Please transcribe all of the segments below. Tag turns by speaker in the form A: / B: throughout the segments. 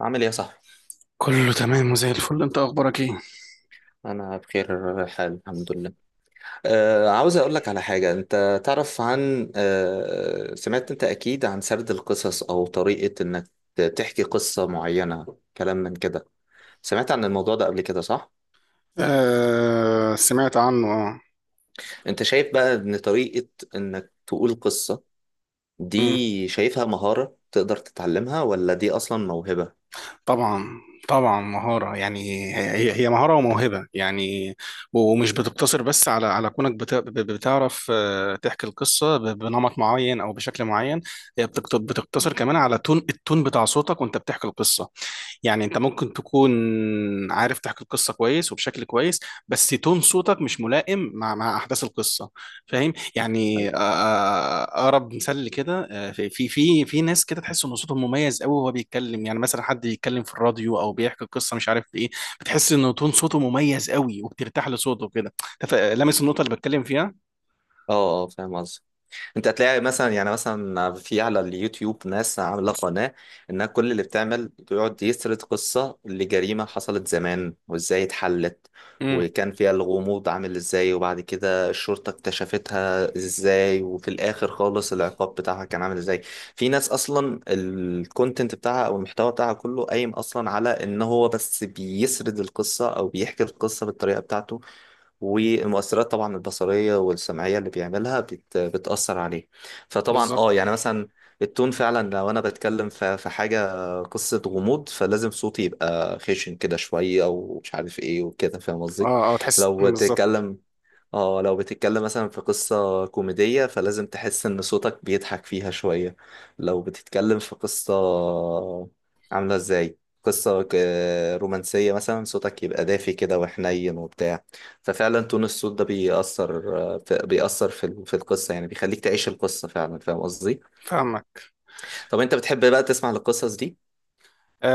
A: عامل ايه يا صاحبي؟
B: كله تمام وزي الفل، انت اخبارك ايه؟
A: أنا بخير حال الحمد لله. عاوز أقول لك على حاجة، أنت تعرف عن آه سمعت أنت أكيد عن سرد القصص أو طريقة إنك تحكي قصة معينة، كلام من كده. سمعت عن الموضوع ده قبل كده صح؟
B: آه، سمعت عنه، اه.
A: أنت شايف بقى إن طريقة إنك تقول قصة
B: مم.
A: دي شايفها مهارة تقدر تتعلمها ولا دي أصلا موهبة؟
B: طبعا. طبعا مهارة يعني. هي مهارة وموهبة يعني. ومش بتقتصر بس على كونك بتعرف، تحكي القصة بنمط معين أو بشكل معين. هي بتقتصر كمان على التون بتاع صوتك وأنت بتحكي القصة. يعني انت ممكن تكون عارف تحكي القصه كويس وبشكل كويس، بس تون صوتك مش ملائم مع احداث القصه. فاهم يعني. اقرب مثال لكده، في ناس كده تحس ان صوتهم مميز قوي وهو بيتكلم، يعني مثلا حد بيتكلم في الراديو او بيحكي قصه مش عارف ايه. بتحس ان تون صوته مميز قوي وبترتاح لصوته كده. لامس النقطه اللي بتكلم فيها.
A: آه، آه، فاهم قصدي. انت هتلاقي مثلا في على اليوتيوب ناس عامله قناه انها كل اللي بتعمل بيقعد يسرد قصه لجريمه حصلت زمان وازاي اتحلت،
B: امم.
A: وكان فيها الغموض عامل ازاي، وبعد كده الشرطه اكتشفتها ازاي، وفي الاخر خالص العقاب بتاعها كان عامل ازاي. في ناس اصلا الكونتنت بتاعها او المحتوى بتاعها كله قايم اصلا على ان هو بس بيسرد القصه او بيحكي القصه بالطريقه بتاعته، والمؤثرات طبعا البصرية والسمعية اللي بيعملها بتأثر عليه. فطبعا
B: بالظبط.
A: يعني مثلا التون فعلا، لو انا بتكلم في حاجة، قصة غموض، فلازم صوتي يبقى خشن كده شوية او مش عارف ايه وكده، فاهم قصدي.
B: اه، اه، تحس.
A: لو
B: مم، بالظبط.
A: بتتكلم اه لو بتتكلم مثلا في قصة كوميدية، فلازم تحس ان صوتك بيضحك فيها شوية. لو بتتكلم في قصة عاملة ازاي، قصة رومانسية مثلا، صوتك يبقى دافي كده وحنين وبتاع. ففعلا تون الصوت ده بيأثر، بيأثر في القصة، يعني بيخليك تعيش القصة فعلا، فاهم قصدي.
B: فاهمك.
A: طب انت بتحب بقى تسمع القصص دي؟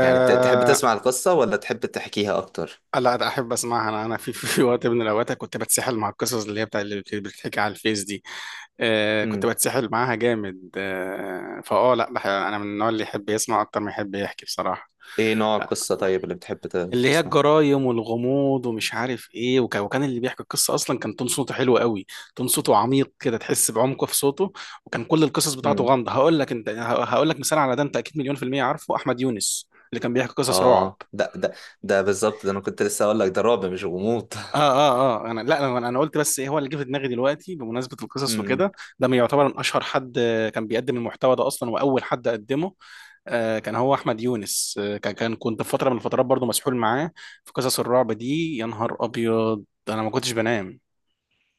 A: يعني تحب تسمع القصة ولا تحب تحكيها اكتر؟
B: لا، ده احب اسمعها. انا في وقت من الاوقات كنت بتسحل مع القصص اللي هي بتاع اللي بتتحكي على الفيس دي. آه، كنت
A: مم.
B: بتسحل معاها جامد. آه فاه لا، انا من النوع اللي يحب يسمع اكتر ما يحب يحكي بصراحه.
A: ايه نوع
B: آه،
A: القصة طيب اللي بتحب
B: اللي هي
A: تسمع؟
B: الجرايم والغموض ومش عارف ايه. وكان اللي بيحكي القصه اصلا كان تون صوته حلو قوي. تون صوته عميق كده، تحس بعمقه في صوته. وكان كل القصص بتاعته غامضه. هقول لك انت هقول لك مثال على ده، انت اكيد مليون في الميه عارفه احمد يونس اللي كان بيحكي قصص رعب.
A: اه، ده بالظبط، ده انا كنت لسه اقول لك، ده رعب مش غموض.
B: اه، اه، اه. انا. لا، انا قلت بس ايه هو اللي جه في دماغي دلوقتي بمناسبه القصص
A: امم
B: وكده. ده من يعتبر من اشهر حد كان بيقدم المحتوى ده اصلا واول حد قدمه. كان هو احمد يونس. كان كان كنت في فتره من الفترات برضو مسحول معاه في قصص الرعب دي. يا نهار ابيض، انا ما كنتش بنام.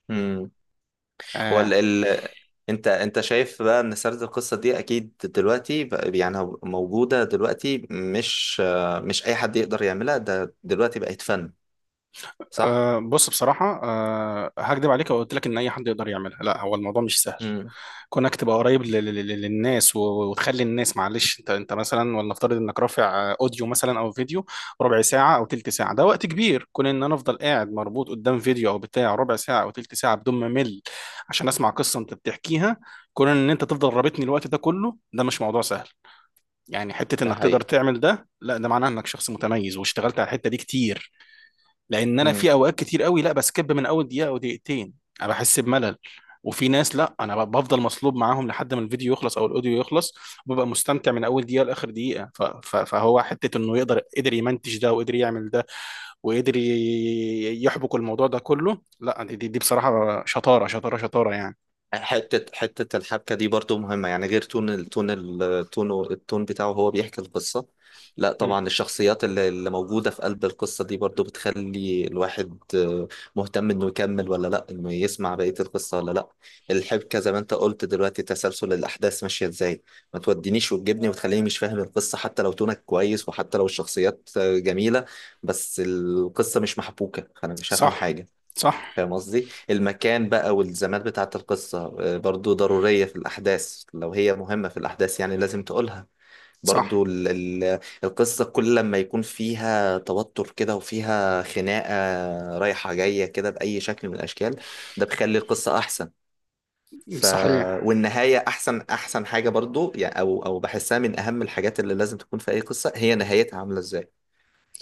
A: امم وال
B: آه.
A: ال... انت شايف بقى ان سرد القصه دي اكيد دلوقتي، يعني موجوده دلوقتي، مش مش اي حد يقدر يعملها، ده دلوقتي بقت فن، صح؟
B: آه، بص. بصراحه، هكدب عليك لو قلت لك ان اي حد يقدر يعملها. لا، هو الموضوع مش سهل.
A: امم.
B: كونك تبقى قريب للناس وتخلي الناس، معلش. انت مثلا ولنفترض انك رافع اوديو مثلا او فيديو ربع ساعه او تلت ساعه. ده وقت كبير، كون ان انا افضل قاعد مربوط قدام فيديو او بتاع ربع ساعه او تلت ساعه بدون ما امل عشان اسمع قصه انت بتحكيها. كون ان انت تفضل رابطني الوقت ده كله ده مش موضوع سهل. يعني حته
A: ده
B: انك تقدر
A: حقيقي.
B: تعمل ده، لا ده معناه انك شخص متميز واشتغلت على الحته دي كتير. لان انا
A: امم.
B: في اوقات كتير قوي لا بسكب من اول دقيقه او دقيقتين. انا بحس بملل. وفي ناس لا انا بفضل مصلوب معاهم لحد ما الفيديو يخلص او الاوديو يخلص. وببقى مستمتع من اول دقيقه لاخر دقيقه. فهو حته انه يقدر قدر يمنتج ده وقدر يعمل ده وقدر يحبك الموضوع ده كله. لا دي بصراحه شطاره شطاره شطاره يعني.
A: حتة حتة الحبكة دي برضو مهمة، يعني غير تون التون بتاعه هو بيحكي القصة، لا
B: مم.
A: طبعا الشخصيات اللي موجودة في قلب القصة دي برضو بتخلي الواحد مهتم انه يكمل ولا لا، انه يسمع بقية القصة ولا لا. الحبكة زي ما انت قلت دلوقتي، تسلسل الأحداث ماشية ازاي، ما تودينيش وتجيبني وتخليني مش فاهم القصة، حتى لو تونك كويس، وحتى لو الشخصيات جميلة، بس القصة مش محبوكة فأنا مش هفهم
B: صح.
A: حاجة،
B: صح.
A: فاهم قصدي؟ المكان بقى والزمان بتاعة القصة برضو ضرورية في الأحداث، لو هي مهمة في الأحداث يعني لازم تقولها.
B: صح.
A: برضو ال ال القصة كل لما يكون فيها توتر كده وفيها خناقة رايحة جاية كده بأي شكل من الأشكال، ده بيخلي القصة أحسن. ف
B: صحيح.
A: والنهاية أحسن أحسن حاجة برضو، يعني أو بحسها من أهم الحاجات اللي لازم تكون في أي قصة، هي نهايتها عاملة إزاي،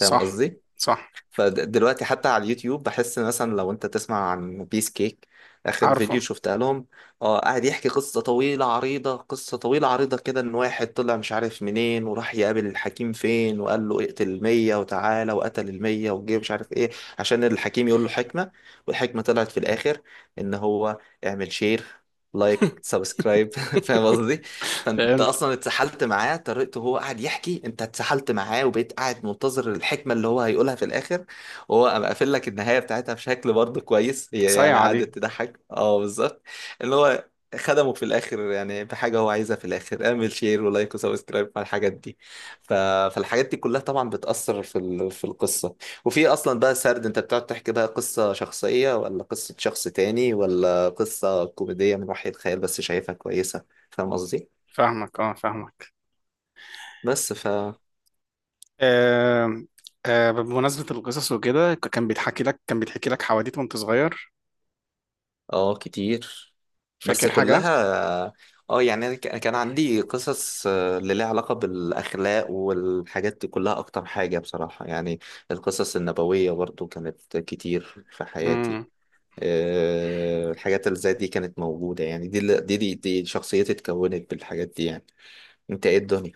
A: فاهم قصدي؟
B: صح.
A: فدلوقتي حتى على اليوتيوب بحس مثلا لو انت تسمع عن بيس كيك، اخر
B: عارفه.
A: فيديو شفتها لهم، اه قاعد يحكي قصة طويلة عريضة قصة طويلة عريضة كده، ان واحد طلع مش عارف منين وراح يقابل الحكيم فين، وقال له اقتل المية وتعالى، وقتل المية وجه مش عارف ايه، عشان الحكيم يقول له حكمة، والحكمة طلعت في الاخر ان هو اعمل شير لايك سبسكرايب. فاهم قصدي؟ فانت
B: فهمت.
A: اصلا اتسحلت معاه، طريقته هو قاعد يحكي انت اتسحلت معاه، وبقيت قاعد منتظر الحكمة اللي هو هيقولها في الاخر، وهو قام قافل لك النهايه بتاعتها بشكل برضه كويس، هي يعني
B: صايعه دي.
A: قعدت تضحك، اه بالظبط، اللي هو خدمه في الاخر يعني بحاجه هو عايزها في الاخر، اعمل شير ولايك وسبسكرايب على الحاجات دي. ف... فالحاجات دي كلها طبعا بتاثر في القصه، وفي اصلا بقى سرد، انت بتقعد تحكي بقى قصه شخصيه ولا قصه شخص تاني ولا قصه كوميديه من وحي الخيال بس شايفها كويسه، فاهم قصدي.
B: فاهمك، اه، فاهمك.
A: بس ف
B: آه. بمناسبة القصص وكده، كان بيتحكي لك حواديت وانت صغير؟
A: اه كتير، بس
B: فاكر حاجة؟
A: كلها. اه يعني أنا كان عندي قصص اللي ليها علاقة بالأخلاق والحاجات دي كلها أكتر حاجة بصراحة يعني، القصص النبوية برضو كانت كتير في حياتي.
B: مم.
A: الحاجات اللي زي دي كانت موجودة، يعني دي شخصيتي اتكونت بالحاجات دي يعني، انت ايه الدنيا؟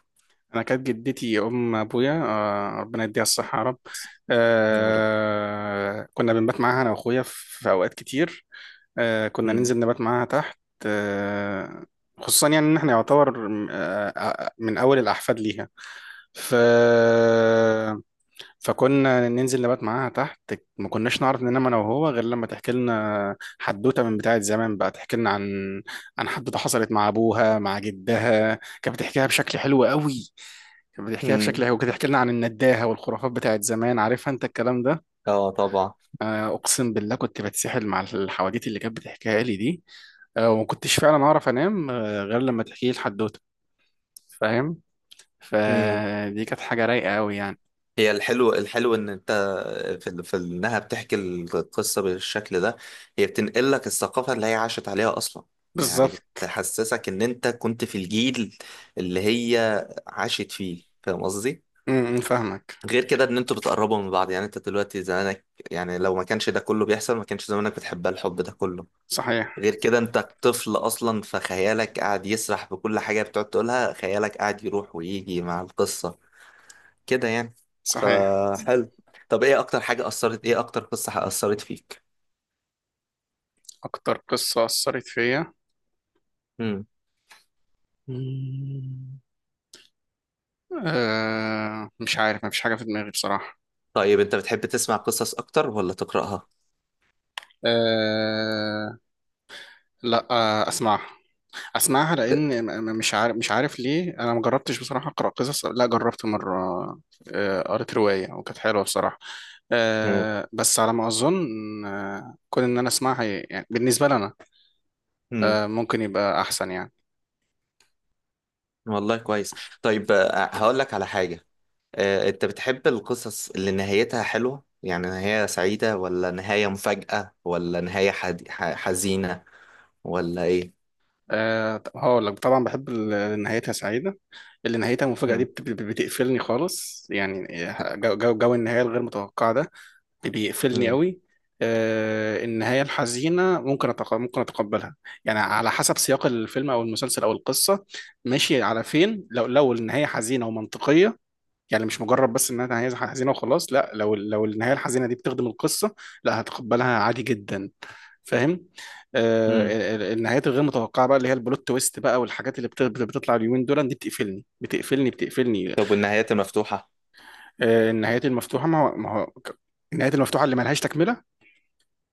B: أنا كانت جدتي أم أبويا، ربنا يديها الصحة يا رب.
A: يا رب.
B: آه، كنا بنبات معاها أنا وأخويا في أوقات كتير. آه، كنا
A: مم.
B: ننزل نبات معاها تحت. آه. خصوصا يعني إن إحنا يعتبر، من أول الأحفاد ليها. ف فكنا ننزل نبات معاها تحت. ما كناش نعرف ننام انا وهو غير لما تحكي لنا حدوته من بتاعه زمان. بقى تحكي لنا عن حدوته حصلت مع ابوها مع جدها. كانت بتحكيها بشكل حلو قوي. كانت بتحكيها بشكل
A: مم.
B: حلو. كانت بتحكي لنا عن النداهه والخرافات بتاعت زمان، عارفها انت الكلام ده.
A: اه طبعا.
B: اقسم بالله كنت بتسحل مع الحواديت اللي كانت بتحكيها لي دي. وما كنتش فعلا اعرف انام غير لما تحكي لي الحدوته. فاهم. فدي كانت حاجه رايقه قوي يعني.
A: هي الحلو ان انت في انها بتحكي القصه بالشكل ده، هي بتنقل لك الثقافه اللي هي عاشت عليها اصلا، يعني
B: بالظبط.
A: بتحسسك ان انت كنت في الجيل اللي هي عاشت فيه، فاهم قصدي.
B: م- م، فاهمك.
A: غير كده ان انتوا بتقربوا من بعض، يعني انت دلوقتي زمانك، يعني لو ما كانش ده كله بيحصل ما كانش زمانك بتحبها الحب ده كله.
B: صحيح.
A: غير كده انت طفل اصلا فخيالك قاعد يسرح بكل حاجه بتقعد تقولها، خيالك قاعد يروح ويجي مع القصه كده يعني،
B: صحيح.
A: فحلو. طب ايه اكتر قصة اثرت فيك؟
B: أكتر قصة أثرت فيا.
A: امم.
B: مم. مش عارف، مفيش حاجة في دماغي بصراحة.
A: طيب انت بتحب تسمع قصص اكتر ولا تقرأها؟
B: أه. لا، أه، أسمعها. أسمعها لأن مش عارف، مش عارف ليه. أنا ما جربتش بصراحة أقرأ قصص. لا، جربت مرة. قريت رواية وكانت حلوة بصراحة.
A: مم.
B: أه، بس على ما أظن كون إن أنا أسمعها، يعني بالنسبة لنا،
A: امم.
B: أه ممكن يبقى أحسن يعني.
A: والله كويس. طيب هقول لك على حاجة، انت بتحب القصص اللي نهايتها حلوة؟ يعني نهاية سعيدة، ولا نهاية مفاجأة، ولا نهاية حزينة، ولا ايه؟
B: أه، هقول لك طبعا بحب نهايتها سعيدة. اللي نهايتها المفاجأة دي
A: امم.
B: بتقفلني خالص يعني. جو النهاية الغير متوقعة ده بيقفلني
A: امم.
B: قوي. النهاية الحزينة ممكن أتقبلها. يعني على حسب سياق الفيلم أو المسلسل أو القصة ماشي على فين. لو النهاية حزينة ومنطقية. يعني مش مجرد بس انها نهايه حزينه وخلاص. لا، لو النهايه الحزينه دي بتخدم القصه، لا هتقبلها عادي جدا. فاهم. آه.
A: امم.
B: النهايات الغير متوقعه بقى اللي هي البلوت تويست بقى والحاجات اللي بتطلع اليومين دول، دي بتقفلني، بتقفلني، بتقفلني.
A: طب والنهايات المفتوحة؟
B: آه، النهايات المفتوحه ما هو ما هو ك- النهايات المفتوحه اللي ملهاش تكمله.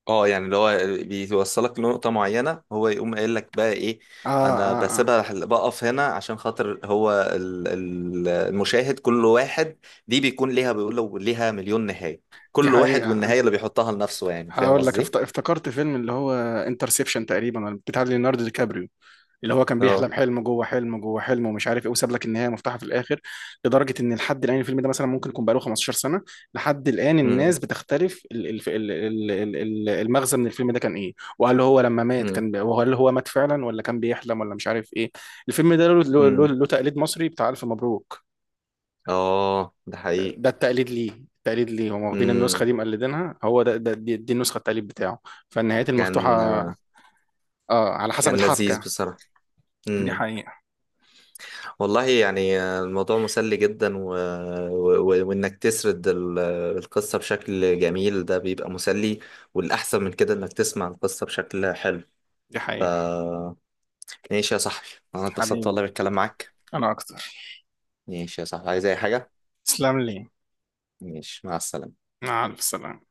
A: اه يعني اللي هو بيوصلك لنقطة معينة، هو يقوم قايل لك بقى ايه،
B: اه،
A: انا
B: اه، اه.
A: بسيبها بقف هنا عشان خاطر هو المشاهد، كل واحد دي بيكون ليها، بيقول له ليها مليون نهاية،
B: دي
A: كل واحد
B: حقيقه.
A: والنهاية اللي بيحطها لنفسه يعني، فاهم
B: هقول لك،
A: قصدي؟
B: افتكرت فيلم اللي هو انترسبشن تقريبا، بتاع ليوناردو دي كابريو، اللي هو كان
A: اه.
B: بيحلم حلم جوه حلم جوه حلم ومش عارف ايه، وساب لك النهايه مفتوحه في الاخر. لدرجه ان لحد الان الفيلم ده مثلا ممكن يكون بقاله 15 سنه. لحد الان الناس
A: امم.
B: بتختلف المغزى من الفيلم ده كان ايه، وهل هو لما مات
A: امم.
B: كان، وهل هو مات فعلا ولا كان بيحلم ولا مش عارف ايه. الفيلم ده له،
A: امم.
B: له تقليد مصري بتاع الف مبروك.
A: اه ده حقيقي.
B: ده التقليد ليه. التقليد ليه، هم واخدين النسخه
A: امم.
B: دي مقلدينها. هو ده, ده دي, النسخه التقليد بتاعه. فالنهايات
A: كان
B: المفتوحه، اه، على حسب
A: كان لذيذ
B: الحبكه.
A: بصراحة.
B: دي
A: امم.
B: حقيقه.
A: والله يعني الموضوع مسلي جدا، وانك تسرد القصة بشكل جميل ده بيبقى مسلي، والأحسن من كده انك تسمع القصة بشكل حلو.
B: دي
A: ف
B: حقيقه.
A: ماشي يا صاحبي، انا اتبسطت
B: حبيبي،
A: والله بالكلام معاك.
B: انا اكتر.
A: ماشي يا صاحبي، عايز اي حاجة؟
B: تسلم لي.
A: ماشي، مع السلامة.
B: مع السلامة.